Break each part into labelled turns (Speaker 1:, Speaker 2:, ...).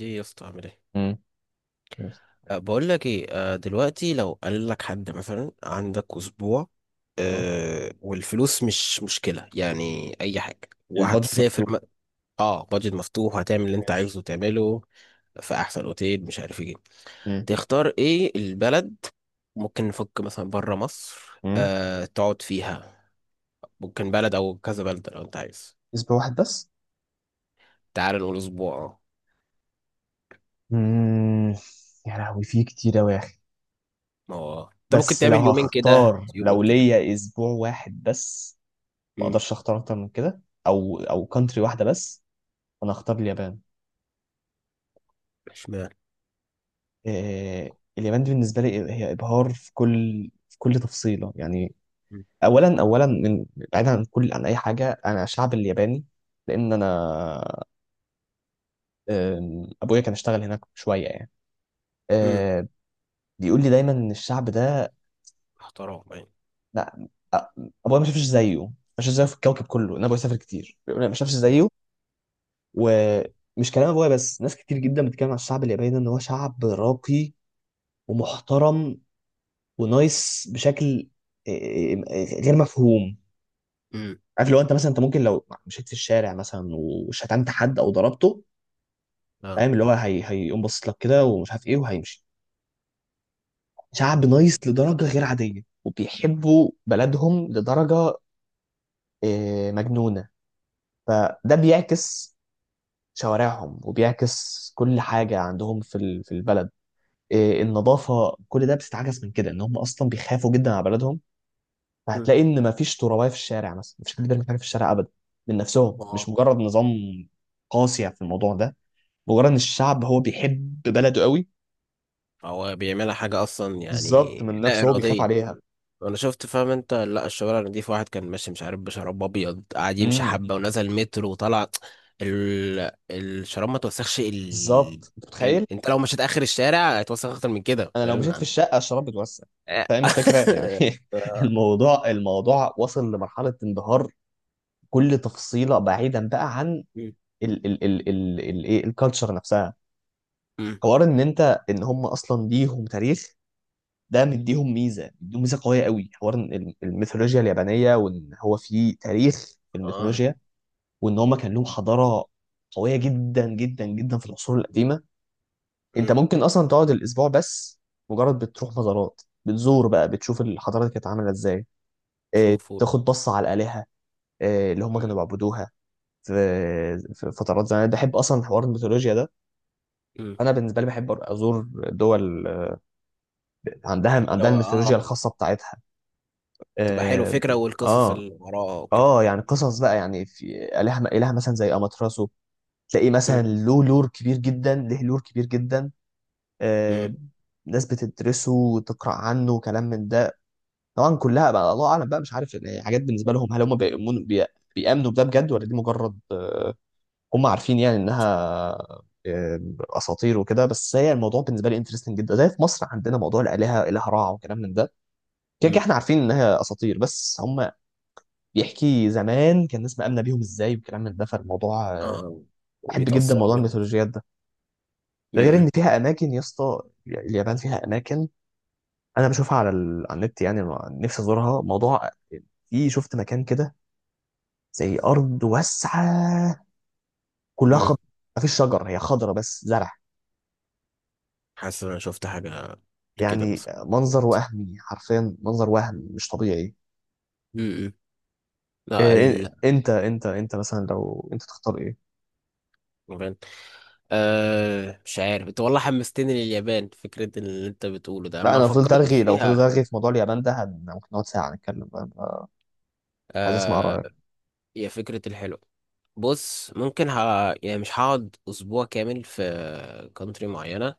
Speaker 1: ايه يا اسطى عامل ايه؟
Speaker 2: امم. يس.
Speaker 1: بقول لك ايه. دلوقتي لو قال لك حد مثلا عندك اسبوع،
Speaker 2: اه,
Speaker 1: والفلوس مش مشكله، يعني اي حاجه
Speaker 2: البادجت
Speaker 1: وهتسافر
Speaker 2: مفتوح.
Speaker 1: اه، بادجت مفتوح هتعمل اللي انت
Speaker 2: ماشي.
Speaker 1: عايزه تعمله في احسن اوتيل مش عارف ايه،
Speaker 2: امم.
Speaker 1: تختار ايه البلد؟ ممكن نفك مثلا بره مصر،
Speaker 2: امم
Speaker 1: تقعد فيها، ممكن بلد او كذا بلد لو انت عايز.
Speaker 2: اسم واحد بس.
Speaker 1: تعال نقول اسبوع اه.
Speaker 2: امم. يا لهوي، في كتير أوي يا اخي.
Speaker 1: ما هو انت ممكن
Speaker 2: بس لو
Speaker 1: تعمل يومين كده
Speaker 2: هختار،
Speaker 1: يومين
Speaker 2: لو
Speaker 1: كده.
Speaker 2: ليا اسبوع واحد بس، ما
Speaker 1: امم.
Speaker 2: اقدرش اختار اكتر من كده، او كونتري واحده بس. انا هختار اليابان.
Speaker 1: اشمعنى؟
Speaker 2: إيه؟ اليابان دي بالنسبه لي هي ابهار في كل في كل تفصيله يعني. اولا من، بعيدا عن كل عن اي حاجه، انا شعب الياباني، لان انا ابويا كان اشتغل هناك شويه يعني.
Speaker 1: مم.
Speaker 2: آه، بيقول لي دايما ان الشعب ده،
Speaker 1: احترام يعني.
Speaker 2: لا، أ- ابويا ما شافش زيه، ما شافش زيه في الكوكب كله، ان ابويا سافر كتير بيقول لي ما شافش
Speaker 1: مم.
Speaker 2: زيه. ومش كلام ابويا بس، ناس كتير جدا بتتكلم عن الشعب الياباني ان هو شعب راقي ومحترم ونايس بشكل إيه، إيه، غير مفهوم.
Speaker 1: امم.
Speaker 2: عارف لو انت مثلا، انت ممكن لو مشيت في الشارع مثلا وشتمت حد او ضربته،
Speaker 1: اه.
Speaker 2: فاهم اللي هو، هيقوم باصص لك كده ومش عارف ايه وهيمشي. شعب نايس لدرجه غير عاديه، وبيحبوا بلدهم لدرجه مجنونه. فده بيعكس شوارعهم، وبيعكس كل حاجة عندهم في في البلد النظافة. كل ده بيستعكس من كده، ان هم اصلا بيخافوا جدا على بلدهم،
Speaker 1: امم.
Speaker 2: فهتلاقي ان مفيش ترابية في الشارع مثلا، مفيش حد بيرمي حاجة في الشارع ابدا، من نفسهم، مش
Speaker 1: ما
Speaker 2: مجرد نظام قاسي في الموضوع ده، مجرد ان الشعب هو بيحب بلده قوي.
Speaker 1: هو بيعملها حاجة أصلا
Speaker 2: بالظبط،
Speaker 1: يعني
Speaker 2: من
Speaker 1: لا
Speaker 2: نفسه هو بيخاف
Speaker 1: إرادية.
Speaker 2: عليها.
Speaker 1: أنا شفت، فاهم أنت؟ لا، الشوارع نضيف، واحد كان ماشي مش عارف بشراب أبيض قاعد يمشي
Speaker 2: امم.
Speaker 1: حبة ونزل مترو وطلع، الشراب ما توسخش
Speaker 2: بالظبط، انت
Speaker 1: كام.
Speaker 2: متخيل؟
Speaker 1: أنت لو مشيت آخر الشارع هيتوسخ أكتر من كده،
Speaker 2: انا لو
Speaker 1: فاهم
Speaker 2: مشيت في
Speaker 1: يعني.
Speaker 2: الشقة الشراب بتوسع.
Speaker 1: آه.
Speaker 2: فاهم الفكرة يعني.
Speaker 1: آه.
Speaker 2: الموضوع وصل لمرحلة انبهار، كل تفصيله بعيدا بقى عن
Speaker 1: مم.
Speaker 2: ال ال ال ال ال ايه الكالتشر نفسها،
Speaker 1: مم.
Speaker 2: حوار ان انت، ان هم اصلا ليهم تاريخ، ده مديهم ميزه، مديهم ميزه قويه قوي، حوار إن الميثولوجيا اليابانيه، وان هو في تاريخ في
Speaker 1: آه.
Speaker 2: الميثولوجيا، وان هم كان لهم حضاره قويه جدا جدا جدا في العصور القديمه. انت
Speaker 1: مم.
Speaker 2: ممكن اصلا تقعد الاسبوع بس مجرد بتروح مزارات، بتزور بقى، بتشوف الحضاره دي كانت عامله ازاي.
Speaker 1: شوفوا.
Speaker 2: تاخد بصه على الالهه اللي هم كانوا
Speaker 1: مم.
Speaker 2: بيعبدوها في فترات زمان. أنا بحب اصلا حوار الميثولوجيا ده.
Speaker 1: مم.
Speaker 2: انا بالنسبه لي بحب ازور دول عندها،
Speaker 1: اللي
Speaker 2: عندها
Speaker 1: هو
Speaker 2: الميثولوجيا الخاصه بتاعتها.
Speaker 1: تبقى حلو
Speaker 2: اه.
Speaker 1: فكرة، والقصص
Speaker 2: اه.
Speaker 1: اللي وراها وكده.
Speaker 2: يعني قصص بقى يعني، في اله، مثلا زي اماتراسو، تلاقيه مثلا
Speaker 1: مم.
Speaker 2: له لور كبير جدا، له لور كبير جدا. آه.
Speaker 1: مم.
Speaker 2: ناس بتدرسه وتقرا عنه وكلام من ده. طبعا كلها بقى الله اعلم بقى، مش عارف يعني، حاجات بالنسبه لهم، هل هم بيامنوا بده بجد، ولا دي مجرد هم عارفين يعني انها آه، اساطير وكده. بس هي الموضوع بالنسبه لي انترستنج جدا، زي في مصر عندنا موضوع الالهه، اله رع وكلام من ده، كده كده
Speaker 1: مم.
Speaker 2: احنا عارفين انها اساطير، بس هم بيحكي زمان كان الناس مآمنه بيهم ازاي وكلام من ده. فالموضوع
Speaker 1: اه،
Speaker 2: بحب جدا
Speaker 1: وبيتأثروا
Speaker 2: موضوع
Speaker 1: بيهم.
Speaker 2: الميثولوجيات ده. ده غير
Speaker 1: مم.
Speaker 2: ان فيها اماكن يا اسطى. اليابان فيها اماكن انا بشوفها على على النت يعني، نفسي ازورها. موضوع، في شفت مكان كده زي ارض واسعه كلها
Speaker 1: مم.
Speaker 2: خضرا، مفيش شجر، هي خضرا بس زرع.
Speaker 1: حاسس ان انا شفت حاجه لكده
Speaker 2: يعني
Speaker 1: مثلا.
Speaker 2: منظر وهمي، حرفيا منظر وهم مش طبيعي.
Speaker 1: مم. لا،
Speaker 2: إيه؟
Speaker 1: اليابان.
Speaker 2: انت مثلا لو انت تختار ايه؟
Speaker 1: مش عارف، انت والله حمستني لليابان، فكرة اللي انت بتقوله ده
Speaker 2: لا
Speaker 1: ما
Speaker 2: انا فضلت
Speaker 1: فكرتش
Speaker 2: ارغي. لو فضلت
Speaker 1: فيها.
Speaker 2: ارغي في موضوع اليابان ده ممكن نقعد ساعه نتكلم بقى. أنا عايز اسمع رايك.
Speaker 1: آه هي فكرة الحلو. بص ممكن يعني مش هقعد اسبوع كامل في كونتري معينة.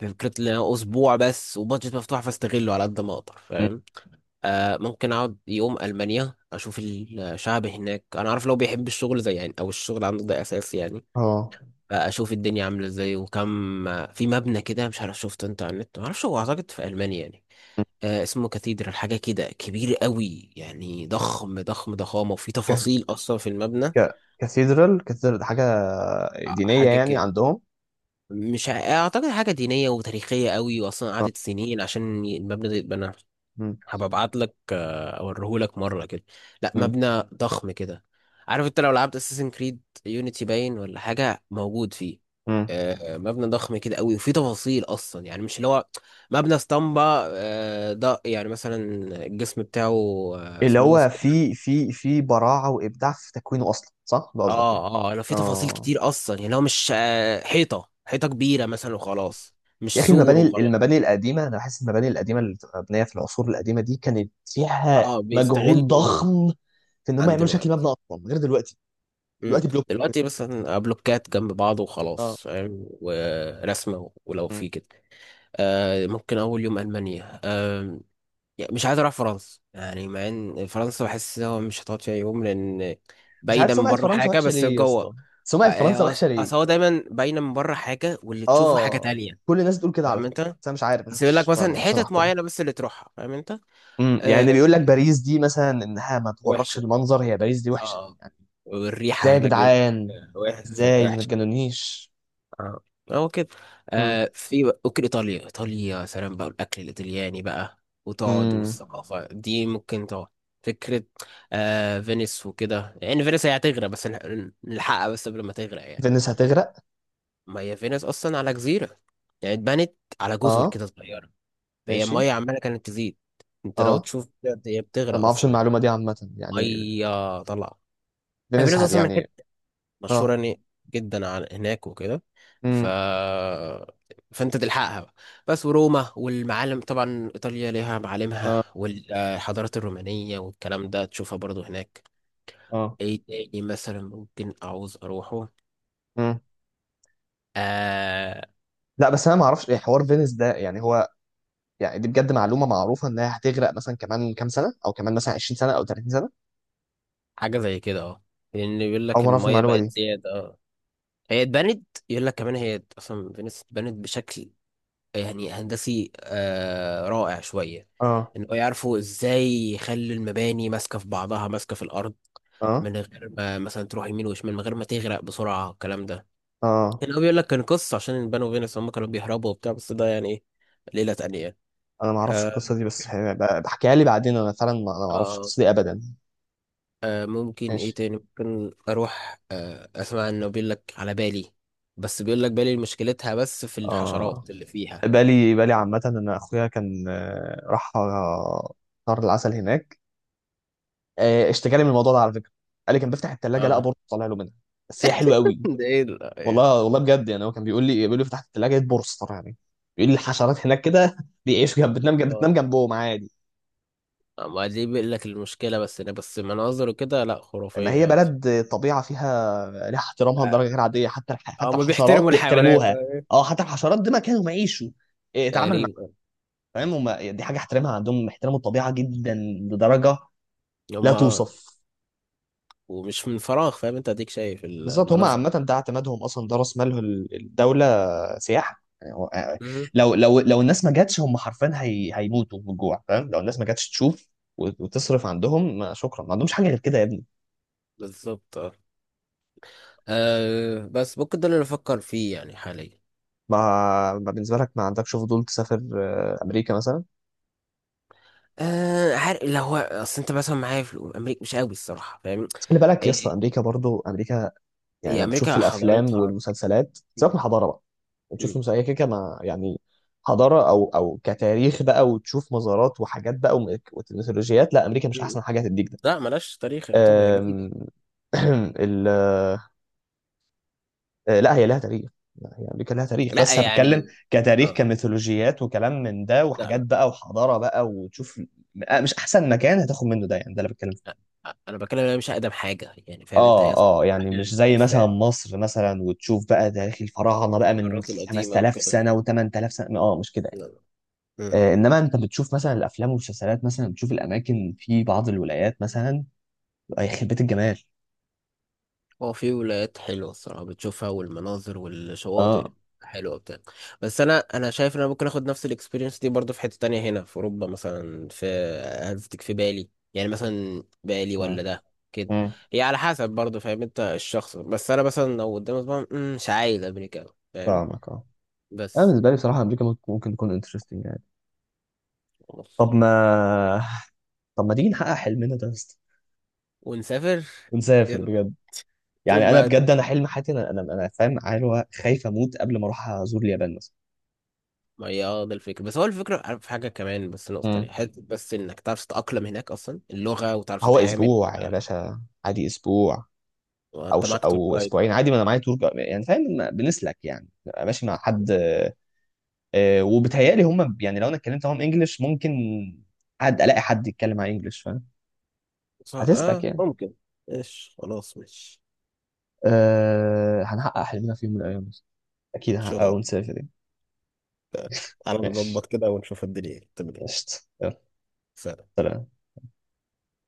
Speaker 1: فكرة ان انا اسبوع بس وبادجت مفتوح فاستغله على قد ما اقدر،
Speaker 2: مم.
Speaker 1: فاهم. ممكن اقعد يوم المانيا، اشوف الشعب هناك انا عارف لو بيحب الشغل زي يعني، او الشغل عنده ده اساس يعني.
Speaker 2: اه.
Speaker 1: فاشوف الدنيا عامله ازاي وكم. في مبنى كده مش عارف شفته انت على النت، ما اعرفش هو اعتقد في المانيا يعني.
Speaker 2: مم.
Speaker 1: اسمه كاتيدرال حاجه كده، كبير قوي يعني، ضخم ضخم ضخامه، وفي
Speaker 2: ك...
Speaker 1: تفاصيل اصلا في المبنى.
Speaker 2: ك... كاثيدرال كاثيدرال ده حاجه دينيه
Speaker 1: حاجه
Speaker 2: يعني
Speaker 1: كده.
Speaker 2: عندهم؟
Speaker 1: مش ع- اعتقد حاجه دينيه وتاريخيه قوي، واصلا
Speaker 2: اه.
Speaker 1: قعدت سنين عشان المبنى ده يتبنى.
Speaker 2: مم.
Speaker 1: هبقى ابعت لك اوريهولك مره كده. لا،
Speaker 2: مم.
Speaker 1: مبنى ضخم كده. عارف انت لو لعبت اساسن كريد يونيتي، باين ولا حاجه موجود فيه.
Speaker 2: مم.
Speaker 1: مبنى ضخم كده قوي، وفيه تفاصيل اصلا يعني، مش اللي هو مبنى اسطمبه. ده يعني مثلا الجسم بتاعه
Speaker 2: اللي
Speaker 1: سموث
Speaker 2: هو
Speaker 1: كده.
Speaker 2: في، في براعه وابداع في تكوينه اصلا، صح؟ ده قصدك يعني؟
Speaker 1: اه اه، لو فيه تفاصيل
Speaker 2: اه.
Speaker 1: كتير اصلا يعني هو مش حيطه حيطه كبيره مثلا وخلاص، مش
Speaker 2: يا اخي
Speaker 1: سور
Speaker 2: المباني،
Speaker 1: وخلاص.
Speaker 2: المباني القديمه، انا بحس المباني القديمه اللي بتبقى مبنيه في العصور القديمه دي كانت فيها
Speaker 1: اه،
Speaker 2: مجهود
Speaker 1: بيستغلوا
Speaker 2: ضخم في ان هم
Speaker 1: عن
Speaker 2: يعملوا شكل مبنى
Speaker 1: دلوقتي.
Speaker 2: اصلا غير دلوقتي.
Speaker 1: مم.
Speaker 2: دلوقتي بلوك.
Speaker 1: دلوقتي مثلا بلوكات جنب بعض
Speaker 2: اه.
Speaker 1: وخلاص، فاهم، ورسمة ولو
Speaker 2: مم.
Speaker 1: في كده. ممكن أول يوم ألمانيا يعني مش عايز أروح فرنسا يعني، مع إن فرنسا بحس إن هو مش هتقعد فيها يوم، لأن
Speaker 2: مش عارف
Speaker 1: باينة من
Speaker 2: سمعه
Speaker 1: بره
Speaker 2: فرنسا
Speaker 1: حاجة
Speaker 2: وحشه
Speaker 1: بس
Speaker 2: ليه يا
Speaker 1: جوه.
Speaker 2: اسطى؟ سمعه فرنسا وحشه ليه؟
Speaker 1: أصل هو دايما باينة من بره حاجة واللي تشوفه حاجة
Speaker 2: اه،
Speaker 1: تانية،
Speaker 2: كل الناس بتقول كده على
Speaker 1: فاهم
Speaker 2: فكره.
Speaker 1: أنت؟
Speaker 2: بس انا مش عارف، ما
Speaker 1: بس يقول لك
Speaker 2: شفتش
Speaker 1: مثلا
Speaker 2: بصراحه، مش
Speaker 1: حتت
Speaker 2: هحكم.
Speaker 1: معينة بس اللي تروحها، فاهم أنت؟
Speaker 2: امم، يعني اللي
Speaker 1: آه.
Speaker 2: بيقول لك باريس دي مثلا انها ما تغركش
Speaker 1: وحشة.
Speaker 2: المنظر، هي باريس دي وحشه
Speaker 1: اه.
Speaker 2: يعني؟
Speaker 1: والريحة
Speaker 2: ازاي يا
Speaker 1: هناك بيقول لك
Speaker 2: جدعان؟ ازاي ما
Speaker 1: وحشة.
Speaker 2: تجنونيش؟
Speaker 1: اه. هو كده.
Speaker 2: امم.
Speaker 1: ممكن ايطاليا، ايطاليا يا سلام بقى، الاكل الايطالياني بقى، وتقعد،
Speaker 2: امم.
Speaker 1: والثقافه دي ممكن تقعد. فكره. فينيس وكده يعني، فينيس هي هتغرق، بس نلحقها بس قبل ما تغرق يعني.
Speaker 2: فينيس هتغرق؟
Speaker 1: ما هي فينيس اصلا على جزيره، يعني اتبنت على جزر
Speaker 2: اه.
Speaker 1: كده صغيره، فهي
Speaker 2: ماشي.
Speaker 1: الميه عماله كانت تزيد. انت لو
Speaker 2: اه.
Speaker 1: تشوف بجد هي
Speaker 2: انا
Speaker 1: بتغرق
Speaker 2: ما اعرفش
Speaker 1: اصلا
Speaker 2: المعلومه
Speaker 1: يعني.
Speaker 2: دي عامه يعني.
Speaker 1: ميه طلع. يعني
Speaker 2: فينيس
Speaker 1: فينيس
Speaker 2: هت،
Speaker 1: اصلا من
Speaker 2: يعني.
Speaker 1: مشهورة
Speaker 2: اه.
Speaker 1: يعني جدا عن هناك وكده، ف
Speaker 2: امم.
Speaker 1: فانت تلحقها بقى. بس وروما والمعالم، طبعا ايطاليا ليها معالمها
Speaker 2: اه.
Speaker 1: والحضارات الرومانية والكلام ده تشوفها برضو هناك.
Speaker 2: اه.
Speaker 1: ايه تاني مثلا ممكن اعوز اروحه.
Speaker 2: امم.
Speaker 1: آه.
Speaker 2: لا، بس انا ما اعرفش ايه حوار فينيس ده يعني. هو يعني دي بجد معلومه معروفه انها هتغرق مثلا كمان كام سنه، او كمان مثلا 20 سنه او 30 سنه،
Speaker 1: حاجة زي كده اه. لان يقول
Speaker 2: او
Speaker 1: لك
Speaker 2: ما اعرفش
Speaker 1: المية
Speaker 2: المعلومه
Speaker 1: بقت
Speaker 2: دي.
Speaker 1: زيادة اه. هي اتبنت يقول لك كمان، هي اصلا فينيس اتبنت بشكل يعني هندسي رائع شوية،
Speaker 2: اه.
Speaker 1: ان هو يعرفوا ازاي يخلي المباني ماسكة في بعضها، ماسكة في الارض
Speaker 2: اه.
Speaker 1: من غير ما مثلا تروح يمين وشمال، من غير ما تغرق بسرعة الكلام ده.
Speaker 2: اه.
Speaker 1: هنا هو بيقول لك كان قصة عشان البنو فينوس هم كانوا بيهربوا وبتاع، بس ده يعني ايه، ليلة تانية يعني.
Speaker 2: انا ما اعرفش القصه
Speaker 1: آه,
Speaker 2: دي، بس بحكيها لي بعدين. انا فعلا انا ما اعرفش
Speaker 1: آه,
Speaker 2: القصه دي ابدا.
Speaker 1: ممكن ايه
Speaker 2: ماشي.
Speaker 1: تاني، ممكن اروح اسمع انه بيقول لك على بالي، بس بيقول لك بالي مشكلتها بس في
Speaker 2: اه.
Speaker 1: الحشرات اللي فيها.
Speaker 2: بالي، بالي عامه ان اخويا كان راح شهر العسل هناك. اشتكى لي من الموضوع ده على فكره، قال لي كان بيفتح الثلاجه لقى
Speaker 1: اه.
Speaker 2: بورصه طالع له منها. بس هي حلوه قوي.
Speaker 1: ده ايه
Speaker 2: والله والله بجد يعني هو كان بيقول لي، بيقول لي فتحت الثلاجه لقيت بورصه طالع لي. بيقول لي الحشرات هناك كده بيعيشوا جنب، بتنام جنب، بتنام جنبهم عادي.
Speaker 1: ما دي بيقول لك المشكلة بس، إن بس مناظر وكده لا،
Speaker 2: ما
Speaker 1: خرافية
Speaker 2: هي
Speaker 1: عادي.
Speaker 2: بلد طبيعه فيها، لها احترامها
Speaker 1: آه،
Speaker 2: لدرجه غير عاديه، حتى حتى
Speaker 1: هما
Speaker 2: الحشرات
Speaker 1: بيحترموا الحيوانات.
Speaker 2: بيحترموها. اه، حتى الحشرات ده مكانهم يعيشوا. اتعامل مع،
Speaker 1: غريب.
Speaker 2: فاهم؟ هم دي حاجه احترامها عندهم، احترموا الطبيعه جدا لدرجه لا
Speaker 1: هما اه.
Speaker 2: توصف.
Speaker 1: ومش من فراغ فاهم انت، اديك شايف
Speaker 2: بالظبط، هم عامه
Speaker 1: المناظر.
Speaker 2: ده اعتمادهم اصلا، ده راس مالهم الدوله، سياحه يعني.
Speaker 1: مم.
Speaker 2: لو الناس ما جاتش، هم حرفيا هي هيموتوا بالجوع. فاهم؟ لو الناس ما جاتش تشوف وتصرف عندهم، ما شكرا، ما عندهمش حاجه غير كده يا ابني.
Speaker 1: بالظبط اه. بس ممكن ده اللي بفكر فيه يعني حاليا.
Speaker 2: ما ما بالنسبه لك، ما عندكش فضول تسافر امريكا مثلا؟
Speaker 1: عارف لو هو اصل انت مثلا معايا في امريكا مش قوي الصراحة، فاهم.
Speaker 2: بس خلي بالك يا اسطى،
Speaker 1: ايه.
Speaker 2: امريكا برضو امريكا. يعني
Speaker 1: هي
Speaker 2: أنا بتشوف في
Speaker 1: امريكا
Speaker 2: الافلام
Speaker 1: حضارتها.
Speaker 2: والمسلسلات، سيبك من الحضاره بقى، وتشوف
Speaker 1: م-
Speaker 2: في مسائيه كده ما يعني، حضاره او كتاريخ بقى، وتشوف مزارات وحاجات بقى، وميثولوجيات. لا، امريكا مش
Speaker 1: م-
Speaker 2: احسن حاجه هتديك ده.
Speaker 1: لا ملاش تاريخ يعتبر، هي
Speaker 2: أم،
Speaker 1: جديدة.
Speaker 2: ال لا هي لها تاريخ. لا، هي امريكا لها تاريخ،
Speaker 1: لا
Speaker 2: بس أنا بتكلم
Speaker 1: يعني.
Speaker 2: كتاريخ
Speaker 1: اه.
Speaker 2: كميثولوجيات وكلام من ده، وحاجات
Speaker 1: لا.
Speaker 2: بقى وحضاره بقى وتشوف. مش احسن مكان هتاخد منه ده يعني، ده اللي بتكلم فيه.
Speaker 1: انا بتكلم إن انا مش اقدم حاجه يعني، فاهم انت يا.
Speaker 2: اه، اه. يعني مش
Speaker 1: حاجه
Speaker 2: زي مثلا
Speaker 1: لسه
Speaker 2: مصر مثلا وتشوف بقى تاريخ الفراعنه بقى من
Speaker 1: القارات القديمه
Speaker 2: 5,000
Speaker 1: وكده.
Speaker 2: سنه و8000 سنه. اه مش كده يعني.
Speaker 1: يلا. مم.
Speaker 2: انما انت بتشوف مثلا الافلام والمسلسلات، مثلا بتشوف الاماكن في بعض الولايات مثلا، يخرب بيت الجمال.
Speaker 1: هو في ولايات حلوه الصراحه بتشوفها، والمناظر والشواطئ
Speaker 2: اه.
Speaker 1: حلوه بتاع. بس انا شايف ان انا ممكن اخد نفس الاكسبيرينس دي برضه في حته تانية هنا في اوروبا مثلا في. قصدك في بالي يعني مثلا، بالي
Speaker 2: اه.
Speaker 1: ولا ده كده.
Speaker 2: اه،
Speaker 1: هي على حسب برضه، فاهم انت، الشخص بس انا مثلا لو قدامي طبعا مش عايز امريكا أوي، فاهم.
Speaker 2: فاهمك. اه، انا
Speaker 1: بس.
Speaker 2: بالنسبه لي بصراحه امريكا ممكن، ممكن تكون انترستنج يعني. طب
Speaker 1: خلاص.
Speaker 2: ما طب ما تيجي نحقق حلمنا ده يا اسطى؟
Speaker 1: ونسافر.
Speaker 2: ونسافر
Speaker 1: يلا.
Speaker 2: بجد
Speaker 1: شوف
Speaker 2: يعني. انا
Speaker 1: بقى.
Speaker 2: بجد، انا حلم حياتي انا، انا فاهم، عارف، هو خايف اموت قبل ما اروح ازور اليابان مثلا.
Speaker 1: ما هي اه، ده الفكرة، بس هو الفكرة، عارف في حاجة كمان بس، نقطة تانية
Speaker 2: امم.
Speaker 1: حتة، بس انك تعرف تتأقلم هناك اصلا اللغة، وتعرف
Speaker 2: هو
Speaker 1: تتعامل.
Speaker 2: اسبوع يا باشا عادي، اسبوع
Speaker 1: وانت معاك تور
Speaker 2: او
Speaker 1: جايد
Speaker 2: اسبوعين
Speaker 1: بقى.
Speaker 2: عادي، ما انا معايا يعني، فاهم؟ ما بنسلك يعني، ببقى ماشي مع حد. وبتهيألي هم يعني لو انا اتكلمت معاهم انجلش ممكن الاقي حد يتكلم معايا انجلش. فاهم؟
Speaker 1: صح
Speaker 2: هتسلك
Speaker 1: اه،
Speaker 2: يعني.
Speaker 1: ممكن. ايش خلاص مش.
Speaker 2: هنحقق حلمنا في يوم من الايام، اكيد
Speaker 1: ان شاء
Speaker 2: هنحققه
Speaker 1: الله.
Speaker 2: ونسافر يعني.
Speaker 1: تعالى
Speaker 2: ماشي.
Speaker 1: نظبط كده ونشوف الدنيا تمام.
Speaker 2: قشطة، يلا. سلام.